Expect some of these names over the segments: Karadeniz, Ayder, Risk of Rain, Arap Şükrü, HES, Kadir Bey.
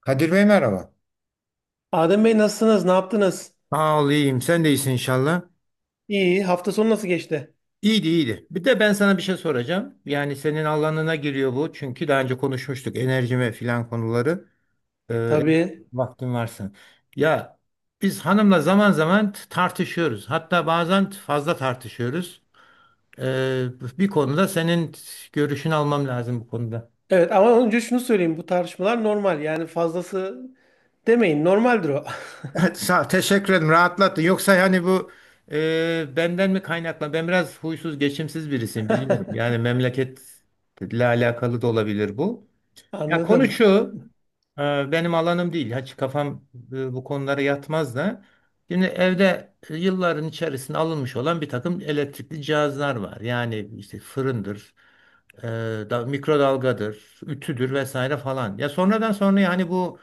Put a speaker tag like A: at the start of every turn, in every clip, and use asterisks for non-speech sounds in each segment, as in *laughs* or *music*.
A: Kadir Bey merhaba.
B: Adem Bey nasılsınız? Ne yaptınız?
A: Sağ ol, iyiyim. Sen de iyisin inşallah.
B: İyi. Hafta sonu nasıl geçti?
A: İyiydi, iyiydi. Bir de ben sana bir şey soracağım. Yani senin alanına giriyor bu. Çünkü daha önce konuşmuştuk enerji ve filan konuları. Ee,
B: Tabii.
A: Vaktin varsa. Ya biz hanımla zaman zaman tartışıyoruz. Hatta bazen fazla tartışıyoruz. Ee, Bir konuda senin görüşünü almam lazım bu konuda.
B: Evet ama önce şunu söyleyeyim. Bu tartışmalar normal. Yani fazlası demeyin. Normaldir o.
A: Evet, sağ ol. Teşekkür ederim. Rahatlattın. Yoksa hani bu benden mi kaynaklan? Ben biraz huysuz, geçimsiz birisiyim biliyorum. Yani memleketle alakalı da olabilir bu.
B: *laughs*
A: Ya konu
B: Anladım.
A: şu, benim alanım değil. Hiç kafam bu konulara yatmaz da. Şimdi evde yılların içerisinde alınmış olan bir takım elektrikli cihazlar var. Yani işte fırındır, e, da, mikrodalgadır, ütüdür vesaire falan. Ya sonradan sonra yani bu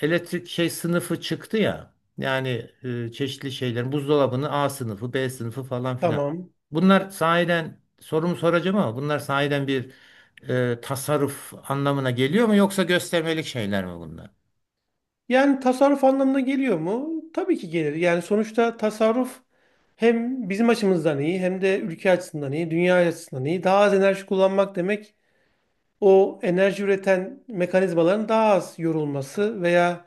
A: elektrik şey sınıfı çıktı ya. Yani çeşitli şeylerin buzdolabının A sınıfı, B sınıfı falan filan.
B: Tamam.
A: Bunlar sahiden sorumu soracağım ama bunlar sahiden bir tasarruf anlamına geliyor mu yoksa göstermelik şeyler mi bunlar?
B: Yani tasarruf anlamına geliyor mu? Tabii ki gelir. Yani sonuçta tasarruf hem bizim açımızdan iyi hem de ülke açısından iyi, dünya açısından iyi. Daha az enerji kullanmak demek o enerji üreten mekanizmaların daha az yorulması veya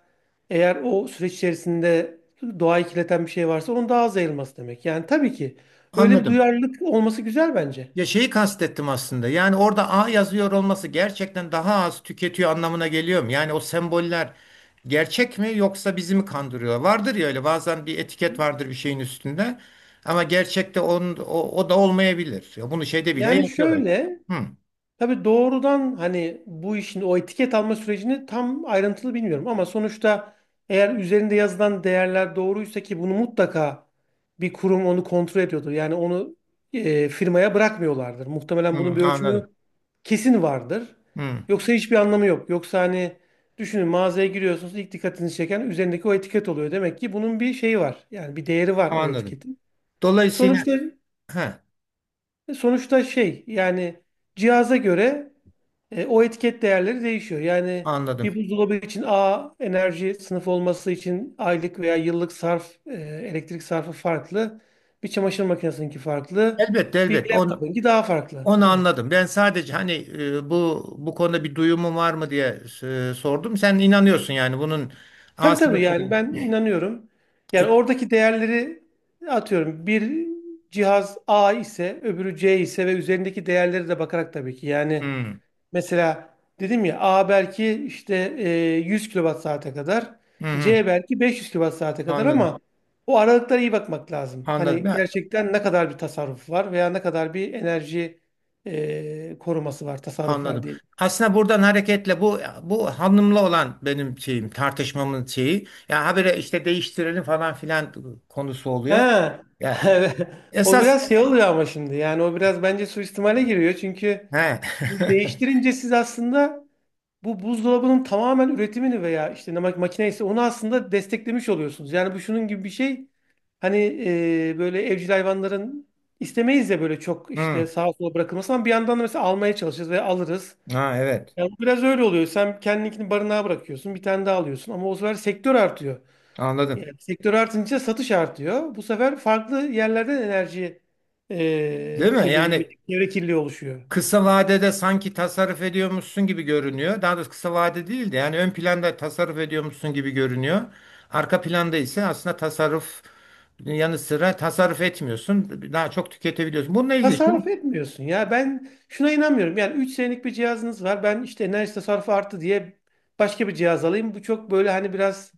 B: eğer o süreç içerisinde doğayı kirleten bir şey varsa onun daha az yayılması demek. Yani tabii ki öyle bir
A: Anladım.
B: duyarlılık olması güzel bence.
A: Ya şeyi kastettim aslında. Yani orada A yazıyor olması gerçekten daha az tüketiyor anlamına geliyor mu? Yani o semboller gerçek mi yoksa bizi mi kandırıyor? Vardır ya öyle bazen bir etiket vardır bir şeyin üstünde. Ama gerçekte onun, o, o da olmayabilir. Ya bunu şeyde bile
B: Yani
A: yapıyorlar.
B: şöyle.
A: Hı,
B: Tabii doğrudan hani bu işin o etiket alma sürecini tam ayrıntılı bilmiyorum ama sonuçta eğer üzerinde yazılan değerler doğruysa ki bunu mutlaka bir kurum onu kontrol ediyordur. Yani onu firmaya bırakmıyorlardır.
A: hı,
B: Muhtemelen bunun bir ölçümü
A: anladım.
B: kesin vardır.
A: Hı,
B: Yoksa hiçbir anlamı yok. Yoksa hani düşünün mağazaya giriyorsunuz ilk dikkatinizi çeken üzerindeki o etiket oluyor. Demek ki bunun bir şeyi var. Yani bir değeri var o
A: anladım.
B: etiketin.
A: Dolayısıyla
B: Sonuçta
A: he,
B: sonuçta şey yani cihaza göre o etiket değerleri değişiyor. Yani bir
A: anladım.
B: buzdolabı için A enerji sınıfı olması için aylık veya yıllık sarf, elektrik sarfı farklı. Bir çamaşır makinesininki farklı.
A: Elbette
B: Bir
A: elbette. Onu
B: laptopunki daha farklı. Evet.
A: anladım. Ben sadece hani bu bu konuda bir duyumun var mı diye sordum. Sen inanıyorsun yani bunun A
B: Tabii tabii
A: sınıfı
B: yani
A: değil.
B: ben inanıyorum. Yani
A: Küp-
B: oradaki değerleri atıyorum. Bir cihaz A ise, öbürü C ise ve üzerindeki değerleri de bakarak tabii ki. Yani
A: Hmm,
B: mesela dedim ya A belki işte 100 kilowatt saate kadar,
A: hı hı,
B: C belki 500 kilowatt saate kadar
A: anladım.
B: ama o aralıklara iyi bakmak lazım.
A: Anladım.
B: Hani
A: Ya,
B: gerçekten ne kadar bir tasarruf var veya ne kadar bir enerji koruması var, tasarruf var
A: anladım.
B: diyelim.
A: Aslında buradan hareketle bu bu hanımla olan benim şeyim tartışmamın şeyi ya habire işte değiştirelim falan filan konusu oluyor.
B: Ha,
A: Ya
B: *laughs* evet. O
A: esas
B: biraz şey oluyor ama şimdi yani o biraz bence suistimale giriyor çünkü
A: he. *laughs*
B: değiştirince siz aslında bu buzdolabının tamamen üretimini veya işte ne makine ise onu aslında desteklemiş oluyorsunuz. Yani bu şunun gibi bir şey. Hani böyle evcil hayvanların istemeyiz ya böyle çok işte
A: Hmm,
B: sağa sola bırakılması ama bir yandan da mesela almaya çalışırız ve alırız.
A: ha evet.
B: Yani bu biraz öyle oluyor. Sen kendininkini barınağa bırakıyorsun, bir tane daha alıyorsun ama o sefer sektör artıyor.
A: Anladım.
B: Yani sektör artınca satış artıyor. Bu sefer farklı yerlerden enerji
A: Değil mi?
B: kirliliği,
A: Yani
B: çevre kirliliği oluşuyor.
A: kısa vadede sanki tasarruf ediyormuşsun gibi görünüyor. Daha doğrusu kısa vade değil de yani ön planda tasarruf ediyormuşsun gibi görünüyor. Arka planda ise aslında tasarruf yanı sıra tasarruf etmiyorsun. Daha çok tüketebiliyorsun. Bununla ilgili şimdi
B: Tasarruf etmiyorsun ya. Ben şuna inanmıyorum. Yani 3 senelik bir cihazınız var. Ben işte enerji tasarrufu arttı diye başka bir cihaz alayım. Bu çok böyle hani biraz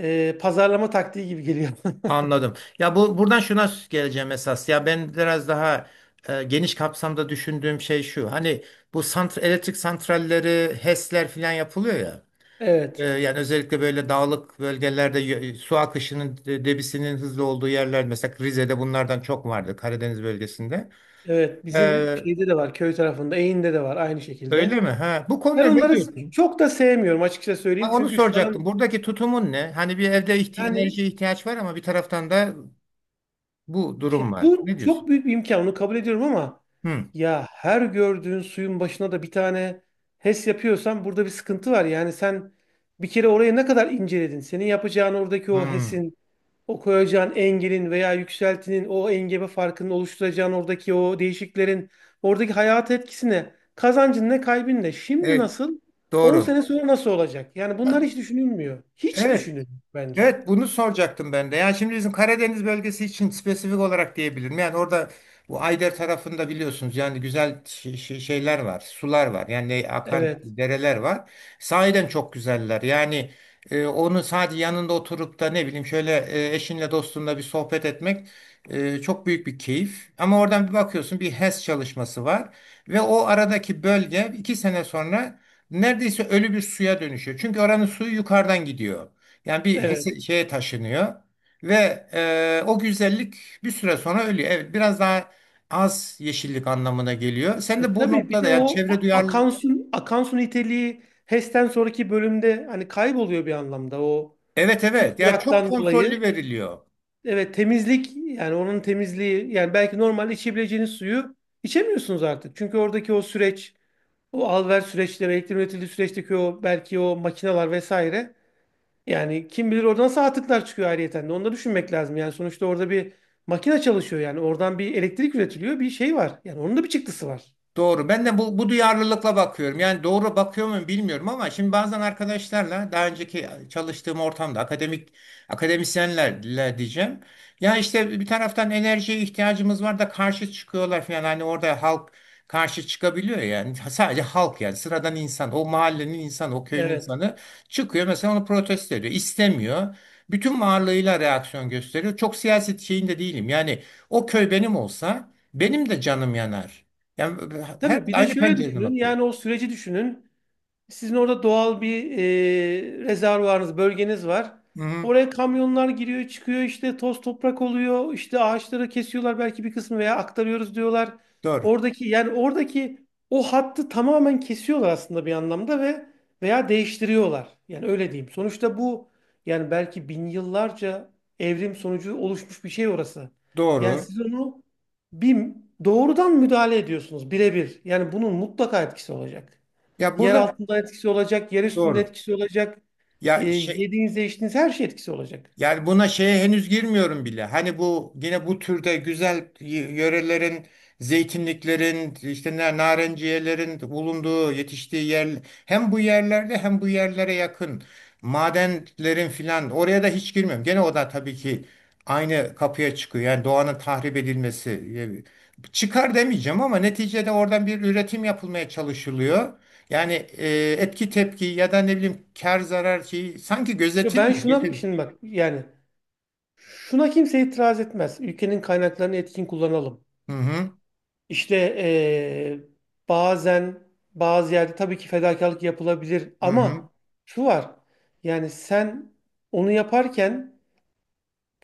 B: pazarlama taktiği gibi geliyor. *laughs*
A: anladım. Ya bu buradan şuna geleceğim esas. Ya ben biraz daha geniş kapsamda düşündüğüm şey şu. Hani bu sant elektrik santralleri, HES'ler filan yapılıyor ya.
B: Evet.
A: Yani özellikle böyle dağlık bölgelerde su akışının debisinin hızlı olduğu yerler mesela Rize'de bunlardan çok vardı Karadeniz bölgesinde.
B: Evet.
A: E,
B: Bizim şeyde de var. Köy tarafında. Eğin'de de var aynı
A: Öyle
B: şekilde.
A: mi? Ha, bu konuda
B: Ben
A: ne
B: onları
A: diyorsun?
B: çok da sevmiyorum açıkça söyleyeyim.
A: Ha, onu
B: Çünkü şu an
A: soracaktım. Buradaki tutumun ne? Hani bir evde ihti
B: yani.
A: enerjiye ihtiyaç var ama bir taraftan da bu
B: Şimdi
A: durum var.
B: bu
A: Ne diyorsun?
B: çok büyük bir imkan, onu kabul ediyorum ama
A: Hı.
B: ya her gördüğün suyun başına da bir tane HES yapıyorsan burada bir sıkıntı var. Yani sen bir kere orayı ne kadar inceledin? Senin yapacağın oradaki o
A: Hı.
B: HES'in, o koyacağın engelin veya yükseltinin, o engebe farkının oluşturacağın oradaki o değişiklerin, oradaki hayat etkisine, kazancın ne, kaybın ne? Şimdi
A: Evet,
B: nasıl? on
A: doğru.
B: sene sonra nasıl olacak? Yani
A: Ha,
B: bunlar hiç düşünülmüyor. Hiç
A: evet.
B: düşünülmüyor bence.
A: Evet bunu soracaktım ben de. Yani şimdi bizim Karadeniz bölgesi için spesifik olarak diyebilirim. Yani orada bu Ayder tarafında biliyorsunuz yani güzel şeyler var, sular var. Yani akan
B: Evet,
A: dereler var. Sahiden çok güzeller. Yani onu sadece yanında oturup da ne bileyim şöyle eşinle dostunla bir sohbet etmek çok büyük bir keyif. Ama oradan bir bakıyorsun bir HES çalışması var ve o aradaki bölge iki sene sonra neredeyse ölü bir suya dönüşüyor. Çünkü oranın suyu yukarıdan gidiyor. Yani bir
B: evet.
A: şeye taşınıyor ve o güzellik bir süre sonra ölüyor. Evet, biraz daha az yeşillik anlamına geliyor. Sen de bu
B: Tabii bir
A: noktada
B: de
A: yani
B: o
A: çevre duyarlı.
B: akan su, akan su niteliği HES'ten sonraki bölümde hani kayboluyor bir anlamda o
A: Evet evet yani çok
B: tutkuraktan
A: kontrollü
B: dolayı.
A: veriliyor.
B: Evet temizlik yani onun temizliği yani belki normalde içebileceğiniz suyu içemiyorsunuz artık. Çünkü oradaki o süreç o alver süreçleri elektrik üretildiği süreçteki o belki o makineler vesaire yani kim bilir oradan nasıl atıklar çıkıyor ayrıyeten de onu da düşünmek lazım. Yani sonuçta orada bir makine çalışıyor yani oradan bir elektrik üretiliyor bir şey var yani onun da bir çıktısı var.
A: Doğru. Ben de bu, bu duyarlılıkla bakıyorum. Yani doğru bakıyor muyum bilmiyorum ama şimdi bazen arkadaşlarla daha önceki çalıştığım ortamda akademisyenlerle diyeceğim. Ya işte bir taraftan enerjiye ihtiyacımız var da karşı çıkıyorlar falan. Hani orada halk karşı çıkabiliyor yani. *laughs* Sadece halk yani sıradan insan, o mahallenin insanı, o köyün
B: Evet.
A: insanı çıkıyor mesela onu protesto ediyor. İstemiyor. Bütün varlığıyla reaksiyon gösteriyor. Çok siyaset şeyinde değilim. Yani o köy benim olsa benim de canım yanar. Yani her
B: Tabii bir de
A: aynı
B: şöyle
A: pencereden
B: düşünün.
A: bakıyoruz.
B: Yani o süreci düşünün. Sizin orada doğal bir rezervuarınız, bölgeniz var.
A: Hı hı,
B: Oraya kamyonlar giriyor, çıkıyor işte toz toprak oluyor. İşte ağaçları kesiyorlar belki bir kısmı veya aktarıyoruz diyorlar.
A: doğru.
B: Oradaki yani oradaki o hattı tamamen kesiyorlar aslında bir anlamda ve veya değiştiriyorlar. Yani öyle diyeyim. Sonuçta bu yani belki bin yıllarca evrim sonucu oluşmuş bir şey orası. Yani
A: Doğru.
B: siz onu bir doğrudan müdahale ediyorsunuz birebir. Yani bunun mutlaka etkisi olacak.
A: Ya
B: Yer
A: burada
B: altında etkisi olacak, yer üstünde
A: doğru.
B: etkisi olacak. E,
A: Ya şey,
B: yediğiniz, içtiğiniz her şey etkisi olacak.
A: yani buna şeye henüz girmiyorum bile. Hani bu yine bu türde güzel yörelerin, zeytinliklerin, işte narenciyelerin bulunduğu, yetiştiği yer hem bu yerlerde hem bu yerlere yakın madenlerin filan oraya da hiç girmiyorum. Gene o da tabii ki aynı kapıya çıkıyor. Yani doğanın tahrip edilmesi. Çıkar demeyeceğim ama neticede oradan bir üretim yapılmaya çalışılıyor. Yani etki tepki ya da ne bileyim kar zarar şeyi sanki
B: Ve ben şuna
A: gözetilmiyor.
B: şimdi bak yani şuna kimse itiraz etmez. Ülkenin kaynaklarını etkin kullanalım.
A: Hı hı.
B: İşte bazen bazı yerde tabii ki fedakarlık yapılabilir
A: Hı hı.
B: ama şu var. Yani sen onu yaparken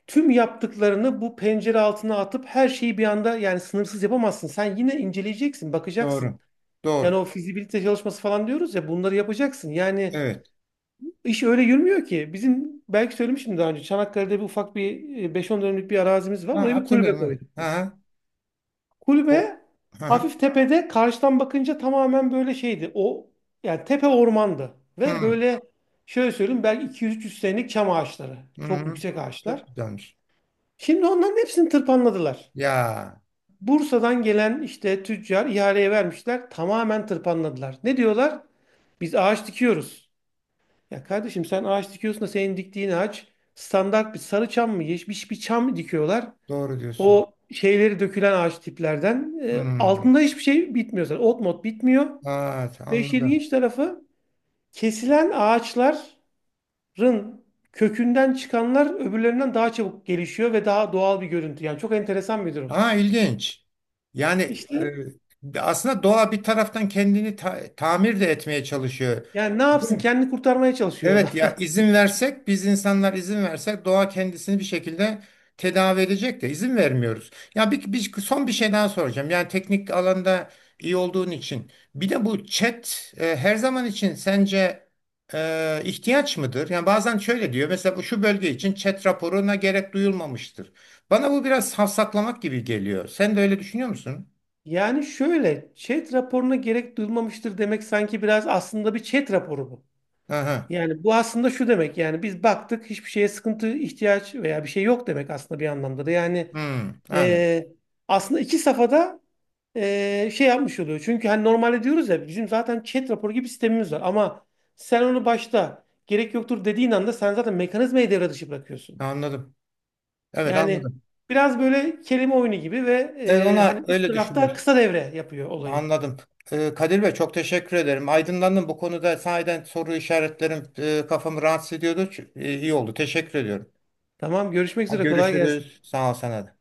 B: tüm yaptıklarını bu pencere altına atıp her şeyi bir anda yani sınırsız yapamazsın. Sen yine inceleyeceksin, bakacaksın.
A: Doğru.
B: Yani
A: Doğru.
B: o fizibilite çalışması falan diyoruz ya bunları yapacaksın. Yani
A: Evet.
B: iş öyle yürümüyor ki. Bizim belki söylemiştim daha önce Çanakkale'de bir ufak bir 5-10 dönümlük bir arazimiz var.
A: Ha,
B: Oraya bir kulübe
A: hatırlıyorum evet.
B: koyduk
A: Hı
B: biz.
A: hı. O-
B: Kulübe
A: Hı hı.
B: hafif tepede karşıdan bakınca tamamen böyle şeydi. O yani tepe ormandı ve
A: Hı
B: böyle şöyle söyleyeyim belki 200-300 senelik çam ağaçları.
A: hı.
B: Çok
A: hı.
B: yüksek
A: Çok
B: ağaçlar.
A: güzelmiş.
B: Şimdi onların hepsini tırpanladılar.
A: Ya
B: Bursa'dan gelen işte tüccar ihaleye vermişler. Tamamen tırpanladılar. Ne diyorlar? Biz ağaç dikiyoruz. Ya kardeşim sen ağaç dikiyorsun da senin diktiğin ağaç standart bir sarı çam mı, yeşil bir çam mı dikiyorlar?
A: doğru diyorsun.
B: O şeyleri dökülen ağaç tiplerden. E,
A: Hı.
B: altında hiçbir şey bitmiyor zaten. Ot mot bitmiyor.
A: Evet
B: Ve işin
A: anladım.
B: ilginç tarafı kesilen ağaçların kökünden çıkanlar öbürlerinden daha çabuk gelişiyor ve daha doğal bir görüntü. Yani çok enteresan bir durum.
A: Ha ilginç. Yani
B: İşte
A: aslında doğa bir taraftan kendini tamir de etmeye çalışıyor.
B: yani ne yapsın kendini kurtarmaya çalışıyor o da.
A: Evet ya
B: *laughs*
A: izin versek biz insanlar izin versek doğa kendisini bir şekilde tedavi edecek de izin vermiyoruz. Ya son bir şey daha soracağım. Yani teknik alanda iyi olduğun için bir de bu chat her zaman için sence ihtiyaç mıdır? Yani bazen şöyle diyor mesela bu şu bölge için chat raporuna gerek duyulmamıştır. Bana bu biraz safsaklamak gibi geliyor. Sen de öyle düşünüyor musun?
B: Yani şöyle chat raporuna gerek duyulmamıştır demek sanki biraz aslında bir chat raporu bu.
A: Aha.
B: Yani bu aslında şu demek yani biz baktık hiçbir şeye sıkıntı, ihtiyaç veya bir şey yok demek aslında bir anlamda da. Yani
A: Hmm, anladım.
B: e, aslında iki safhada şey yapmış oluyor. Çünkü hani normalde diyoruz ya bizim zaten chat raporu gibi sistemimiz var ama sen onu başta gerek yoktur dediğin anda sen zaten mekanizmayı devre dışı bırakıyorsun.
A: Anladım. Evet
B: Yani
A: anladım.
B: biraz böyle kelime oyunu gibi ve
A: Evet, ona
B: hani üst
A: öyle düşünmüş.
B: tarafta kısa devre yapıyor olayı.
A: Anladım. Kadir Bey çok teşekkür ederim. Aydınlandım bu konuda sahiden soru işaretlerim kafamı rahatsız ediyordu. İyi oldu. Teşekkür ediyorum.
B: Tamam görüşmek
A: Hadi
B: üzere kolay gelsin.
A: görüşürüz. Sağ ol sana da.